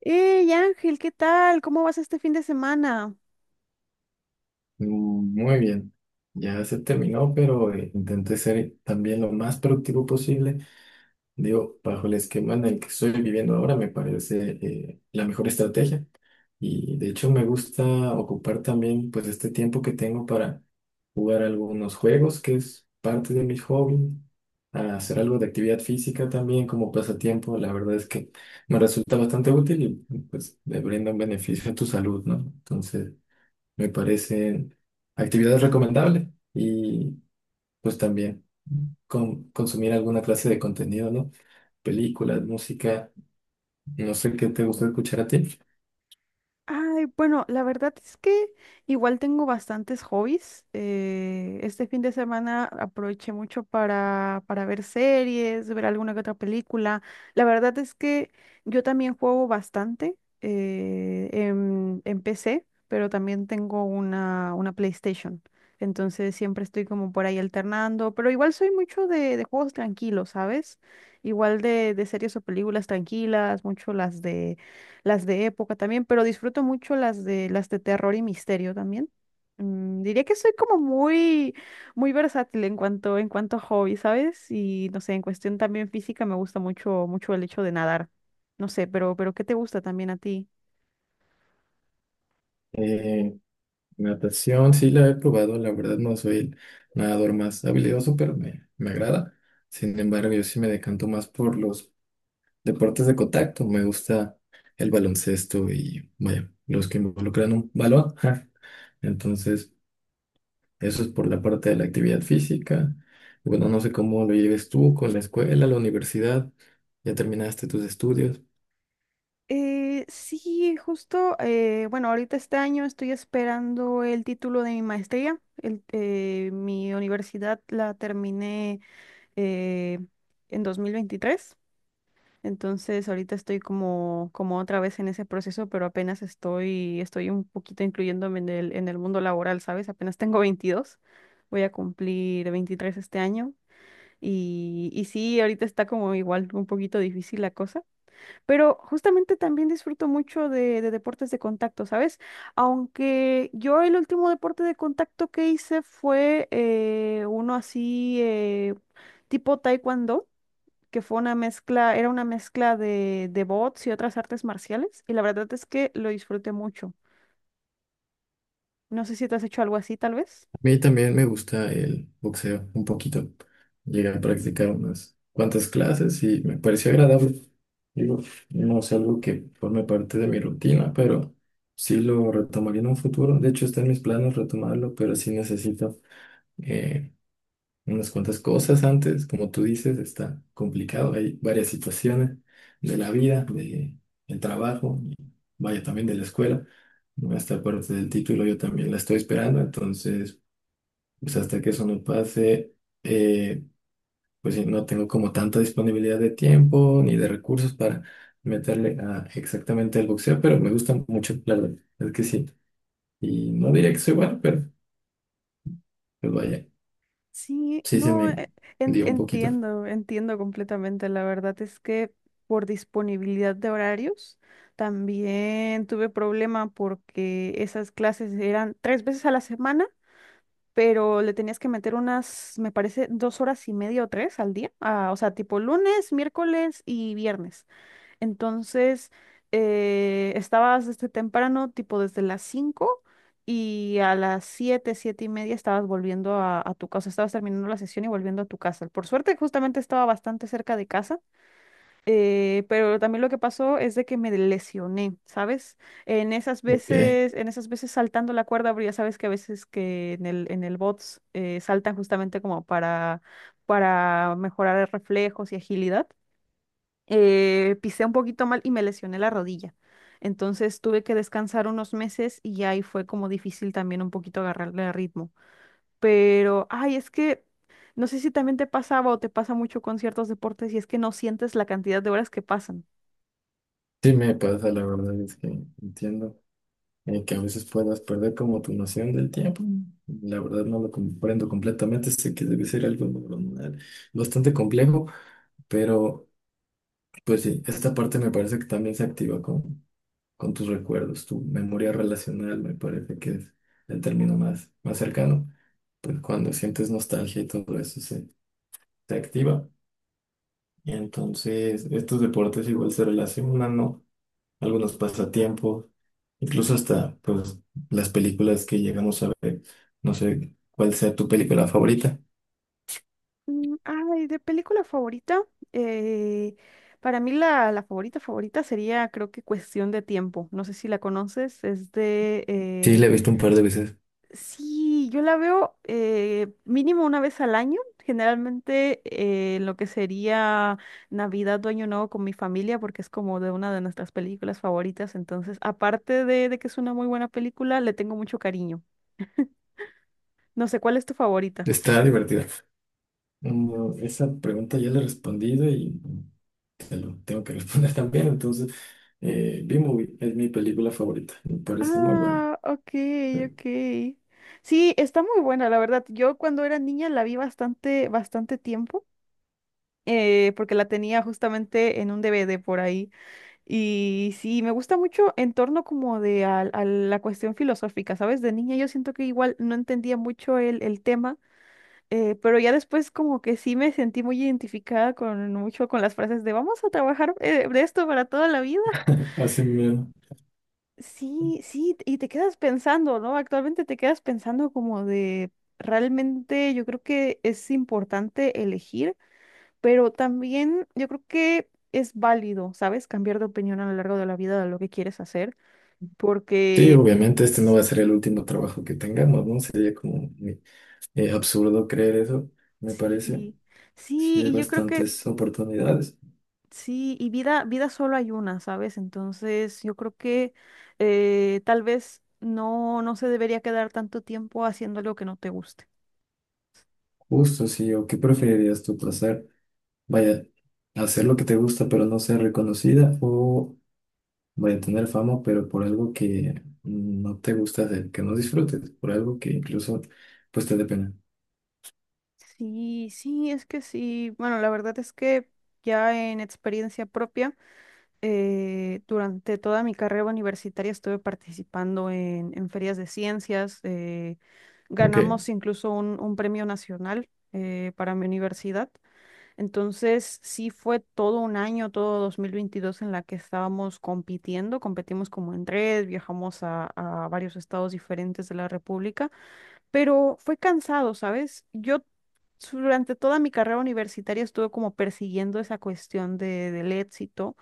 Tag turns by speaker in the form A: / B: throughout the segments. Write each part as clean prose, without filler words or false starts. A: ¡Ey, Ángel! ¿Qué tal? ¿Cómo vas este fin de semana?
B: Mm, muy bien, ya se terminó, pero intenté ser también lo más productivo posible. Digo, bajo el esquema en el que estoy viviendo ahora, me parece la mejor estrategia. Y de hecho me gusta ocupar también pues este tiempo que tengo para jugar algunos juegos, que es parte de mi hobby, a hacer algo de actividad física también como pasatiempo. La verdad es que me resulta bastante útil y pues le brinda un beneficio a tu salud, ¿no? Entonces me parecen actividades recomendables y pues también consumir alguna clase de contenido, ¿no? Películas, música, no sé qué te gusta escuchar a ti.
A: Ay, bueno, la verdad es que igual tengo bastantes hobbies. Este fin de semana aproveché mucho para ver series, ver alguna que otra película. La verdad es que yo también juego bastante en PC, pero también tengo una PlayStation. Entonces siempre estoy como por ahí alternando, pero igual soy mucho de juegos tranquilos, ¿sabes? Igual de series o películas tranquilas, mucho las de época también, pero disfruto mucho las de terror y misterio también. Diría que soy como muy versátil en cuanto a hobby, ¿sabes? Y no sé, en cuestión también física me gusta mucho el hecho de nadar. No sé, pero ¿qué te gusta también a ti?
B: Eh, natación, sí la he probado, la verdad no soy el nadador más habilidoso, pero me agrada. Sin embargo, yo sí me decanto más por los deportes de contacto. Me gusta el baloncesto y, vaya, los que involucran un balón. Entonces eso es por la parte de la actividad física. Bueno, no sé cómo lo lleves tú con la escuela, la universidad. Ya terminaste tus estudios.
A: Sí, justo, bueno, ahorita este año estoy esperando el título de mi maestría. Mi universidad la terminé eh, en 2023. Entonces, ahorita estoy como otra vez en ese proceso, pero apenas estoy un poquito incluyéndome en el mundo laboral, ¿sabes? Apenas tengo veintidós, voy a cumplir 23 este año. Y sí, ahorita está como igual un poquito difícil la cosa, pero justamente también disfruto mucho de deportes de contacto, ¿sabes? Aunque yo el último deporte de contacto que hice fue uno así tipo taekwondo que fue una mezcla, era una mezcla de bots y otras artes marciales, y la verdad es que lo disfruté mucho. No sé si te has hecho algo así, tal vez.
B: A mí también me gusta el boxeo un poquito. Llegué a practicar unas cuantas clases y me pareció agradable. Digo, no es algo que forme parte de mi rutina, pero sí lo retomaría en un futuro. De hecho, está en mis planes retomarlo, pero sí necesito eh, unas cuantas cosas antes. Como tú dices, está complicado, hay varias situaciones de la vida, de el trabajo, y vaya también de la escuela. Esta parte del título yo también la estoy esperando, entonces pues hasta que eso no pase, eh, pues no tengo como tanta disponibilidad de tiempo ni de recursos para meterle a exactamente al boxeo, pero me gusta mucho, la verdad, es que sí. Y no diría que soy bueno, pero pues vaya,
A: Sí,
B: sí se
A: no,
B: me dio un poquito.
A: entiendo, entiendo completamente. La verdad es que por disponibilidad de horarios también tuve problema porque esas clases eran tres veces a la semana, pero le tenías que meter unas, me parece, dos horas y media o tres al día. Ah, o sea, tipo lunes, miércoles y viernes. Entonces, estabas desde temprano, tipo desde las 5 y a las 7 7 y media estabas volviendo a tu casa, estabas terminando la sesión y volviendo a tu casa. Por suerte, justamente estaba bastante cerca de casa, pero también lo que pasó es de que me lesioné, ¿sabes?
B: Ok.
A: En esas veces saltando la cuerda, pero ya sabes que a veces que en el bots saltan justamente como para mejorar reflejos y agilidad, pisé un poquito mal y me lesioné la rodilla. Entonces tuve que descansar unos meses y ahí fue como difícil también un poquito agarrarle el ritmo. Pero, ay, es que no sé si también te pasaba o te pasa mucho con ciertos deportes y es que no sientes la cantidad de horas que pasan.
B: Sí me pasa, la verdad es que entiendo que a veces puedas perder como tu noción del tiempo. La verdad no lo comprendo completamente, sé que debe ser algo neuronal bastante complejo, pero pues sí, esta parte me parece que también se activa con tus recuerdos, tu memoria relacional me parece que es el término más cercano. Pues cuando sientes nostalgia y todo eso se activa. Y entonces estos deportes igual se relacionan, ¿no? Algunos pasatiempos, incluso hasta pues las películas que llegamos a ver. No sé cuál sea tu película favorita.
A: Ay, de película favorita, eh, para mí la favorita favorita sería creo que Cuestión de Tiempo. No sé si la conoces, es
B: Sí,
A: de...
B: la he visto un par de veces.
A: Sí, yo la veo mínimo una vez al año, generalmente en lo que sería Navidad o Año Nuevo con mi familia, porque es como de una de nuestras películas favoritas. Entonces, aparte de que es una muy buena película, le tengo mucho cariño. No sé, ¿cuál es tu favorita?
B: Está divertida. Mm, esa pregunta ya la he respondido y te lo tengo que responder también. Entonces, B-Movie es mi película favorita. Me parece muy buena.
A: Ah, ok, ok. Sí, está muy buena, la verdad. Yo cuando era niña la vi bastante, bastante tiempo, porque la tenía justamente en un DVD por ahí. Y sí, me gusta mucho en torno como de a la cuestión filosófica, ¿sabes? De niña yo siento que igual no entendía mucho el tema, pero ya después como que sí me sentí muy identificada con mucho con las frases de vamos a trabajar, de esto para toda la vida.
B: Así mismo.
A: Sí, sí, y te quedas pensando, ¿no? Actualmente te quedas pensando como de realmente yo creo que es importante elegir, pero también yo creo que es válido, ¿sabes? Cambiar de opinión a lo largo de la vida de lo que quieres hacer
B: Sí,
A: porque...
B: obviamente este no
A: s-
B: va a ser el último trabajo que tengamos, ¿no? Sería como absurdo creer eso, me parece.
A: sí,
B: Sí,
A: sí,
B: hay
A: y yo creo que
B: bastantes oportunidades.
A: sí, y vida, vida solo hay una, ¿sabes? Entonces yo creo que tal vez no se debería quedar tanto tiempo haciendo algo que no te guste.
B: Justo, sí, o qué preferirías tú pasar, vaya, hacer lo que te gusta pero no ser reconocida o vaya tener fama pero por algo que no te gusta hacer, que no disfrutes, por algo que incluso pues te dé pena.
A: Sí, sí, es que sí. Bueno, la verdad es que ya en experiencia propia. Durante toda mi carrera universitaria estuve participando en ferias de ciencias. Ganamos
B: Ok,
A: incluso un premio nacional para mi universidad. Entonces, sí fue todo un año, todo 2022 en la que estábamos compitiendo. Competimos como en red, viajamos a varios estados diferentes de la República, pero fue cansado, ¿sabes? Yo durante toda mi carrera universitaria estuve como persiguiendo esa cuestión de, del éxito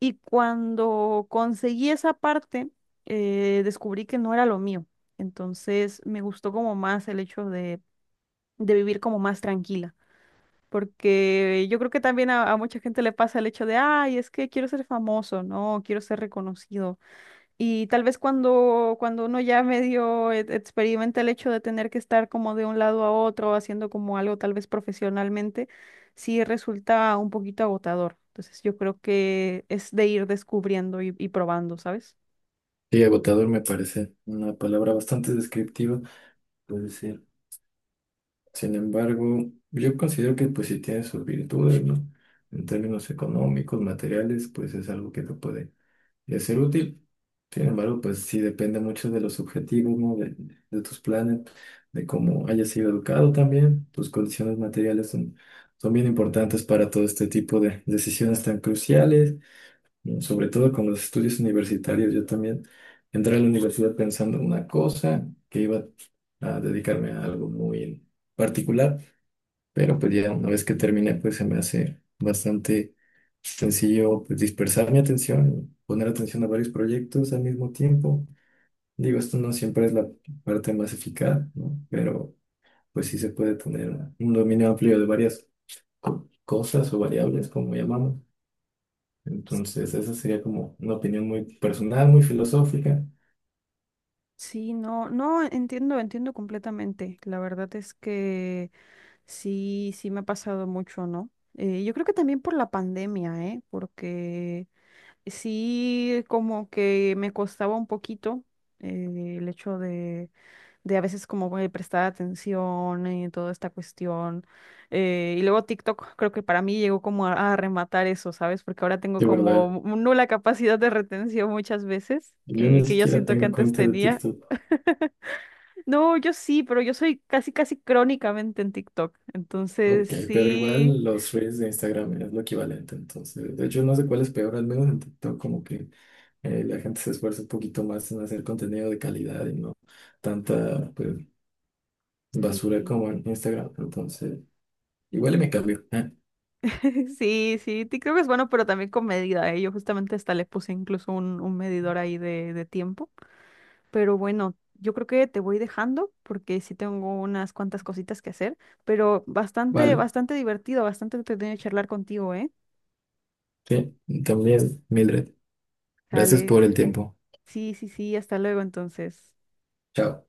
A: y cuando conseguí esa parte, descubrí que no era lo mío. Entonces me gustó como más el hecho de vivir como más tranquila. Porque yo creo que también a mucha gente le pasa el hecho de, ay, es que quiero ser famoso, ¿no? Quiero ser reconocido. Y tal vez cuando uno ya medio experimenta el hecho de tener que estar como de un lado a otro, haciendo como algo tal vez profesionalmente, sí resulta un poquito agotador. Entonces yo creo que es de ir descubriendo y probando, ¿sabes?
B: sí, agotador me parece una palabra bastante descriptiva, puede ser. Sin embargo, yo considero que pues si tiene sus virtudes, ¿no? En términos económicos, materiales, pues es algo que te puede de ser útil. Sin embargo, pues sí depende mucho de los objetivos, ¿no? De tus planes, de cómo hayas sido educado también. Tus condiciones materiales son bien importantes para todo este tipo de decisiones tan cruciales, ¿no? Sobre todo con los estudios universitarios. Yo también entré a la universidad pensando en una cosa, que iba a dedicarme a algo muy particular. Pero pues ya una vez que termine, pues se me hace bastante sencillo pues dispersar mi atención, poner atención a varios proyectos al mismo tiempo. Digo, esto no siempre es la parte más eficaz, ¿no? Pero pues sí se puede tener un dominio amplio de varias cosas o variables, como llamamos. Entonces, esa sería como una opinión muy personal, muy filosófica.
A: Sí, no, no, entiendo, entiendo completamente. La verdad es que sí, sí me ha pasado mucho, ¿no? Yo creo que también por la pandemia, ¿eh? Porque sí, como que me costaba un poquito el hecho de a veces como güey, prestar atención y toda esta cuestión. Y luego TikTok creo que para mí llegó como a rematar eso, ¿sabes? Porque ahora tengo
B: De verdad,
A: como nula capacidad de retención muchas veces,
B: yo ni
A: que yo
B: siquiera
A: siento que
B: tengo
A: antes
B: cuenta de
A: tenía.
B: TikTok.
A: No, yo sí, pero yo soy casi crónicamente en TikTok. Entonces,
B: Ok, pero
A: sí,
B: igual los reels de Instagram es lo equivalente, entonces, de hecho no sé cuál es peor. Al menos en TikTok como que la gente se esfuerza un poquito más en hacer contenido de calidad y no tanta pues, basura
A: sí.
B: como en Instagram, entonces, igual y me cambio. Ah,
A: Sí, sí, creo que es bueno, pero también con medida, ¿eh? Yo justamente hasta le puse incluso un medidor ahí de tiempo. Pero bueno, yo creo que te voy dejando porque sí tengo unas cuantas cositas que hacer, pero bastante,
B: vale,
A: bastante divertido, bastante entretenido charlar contigo, ¿eh?
B: sí, también, Mildred, gracias
A: Dale,
B: por el tiempo.
A: sí, sí, sí, hasta luego entonces.
B: Chao.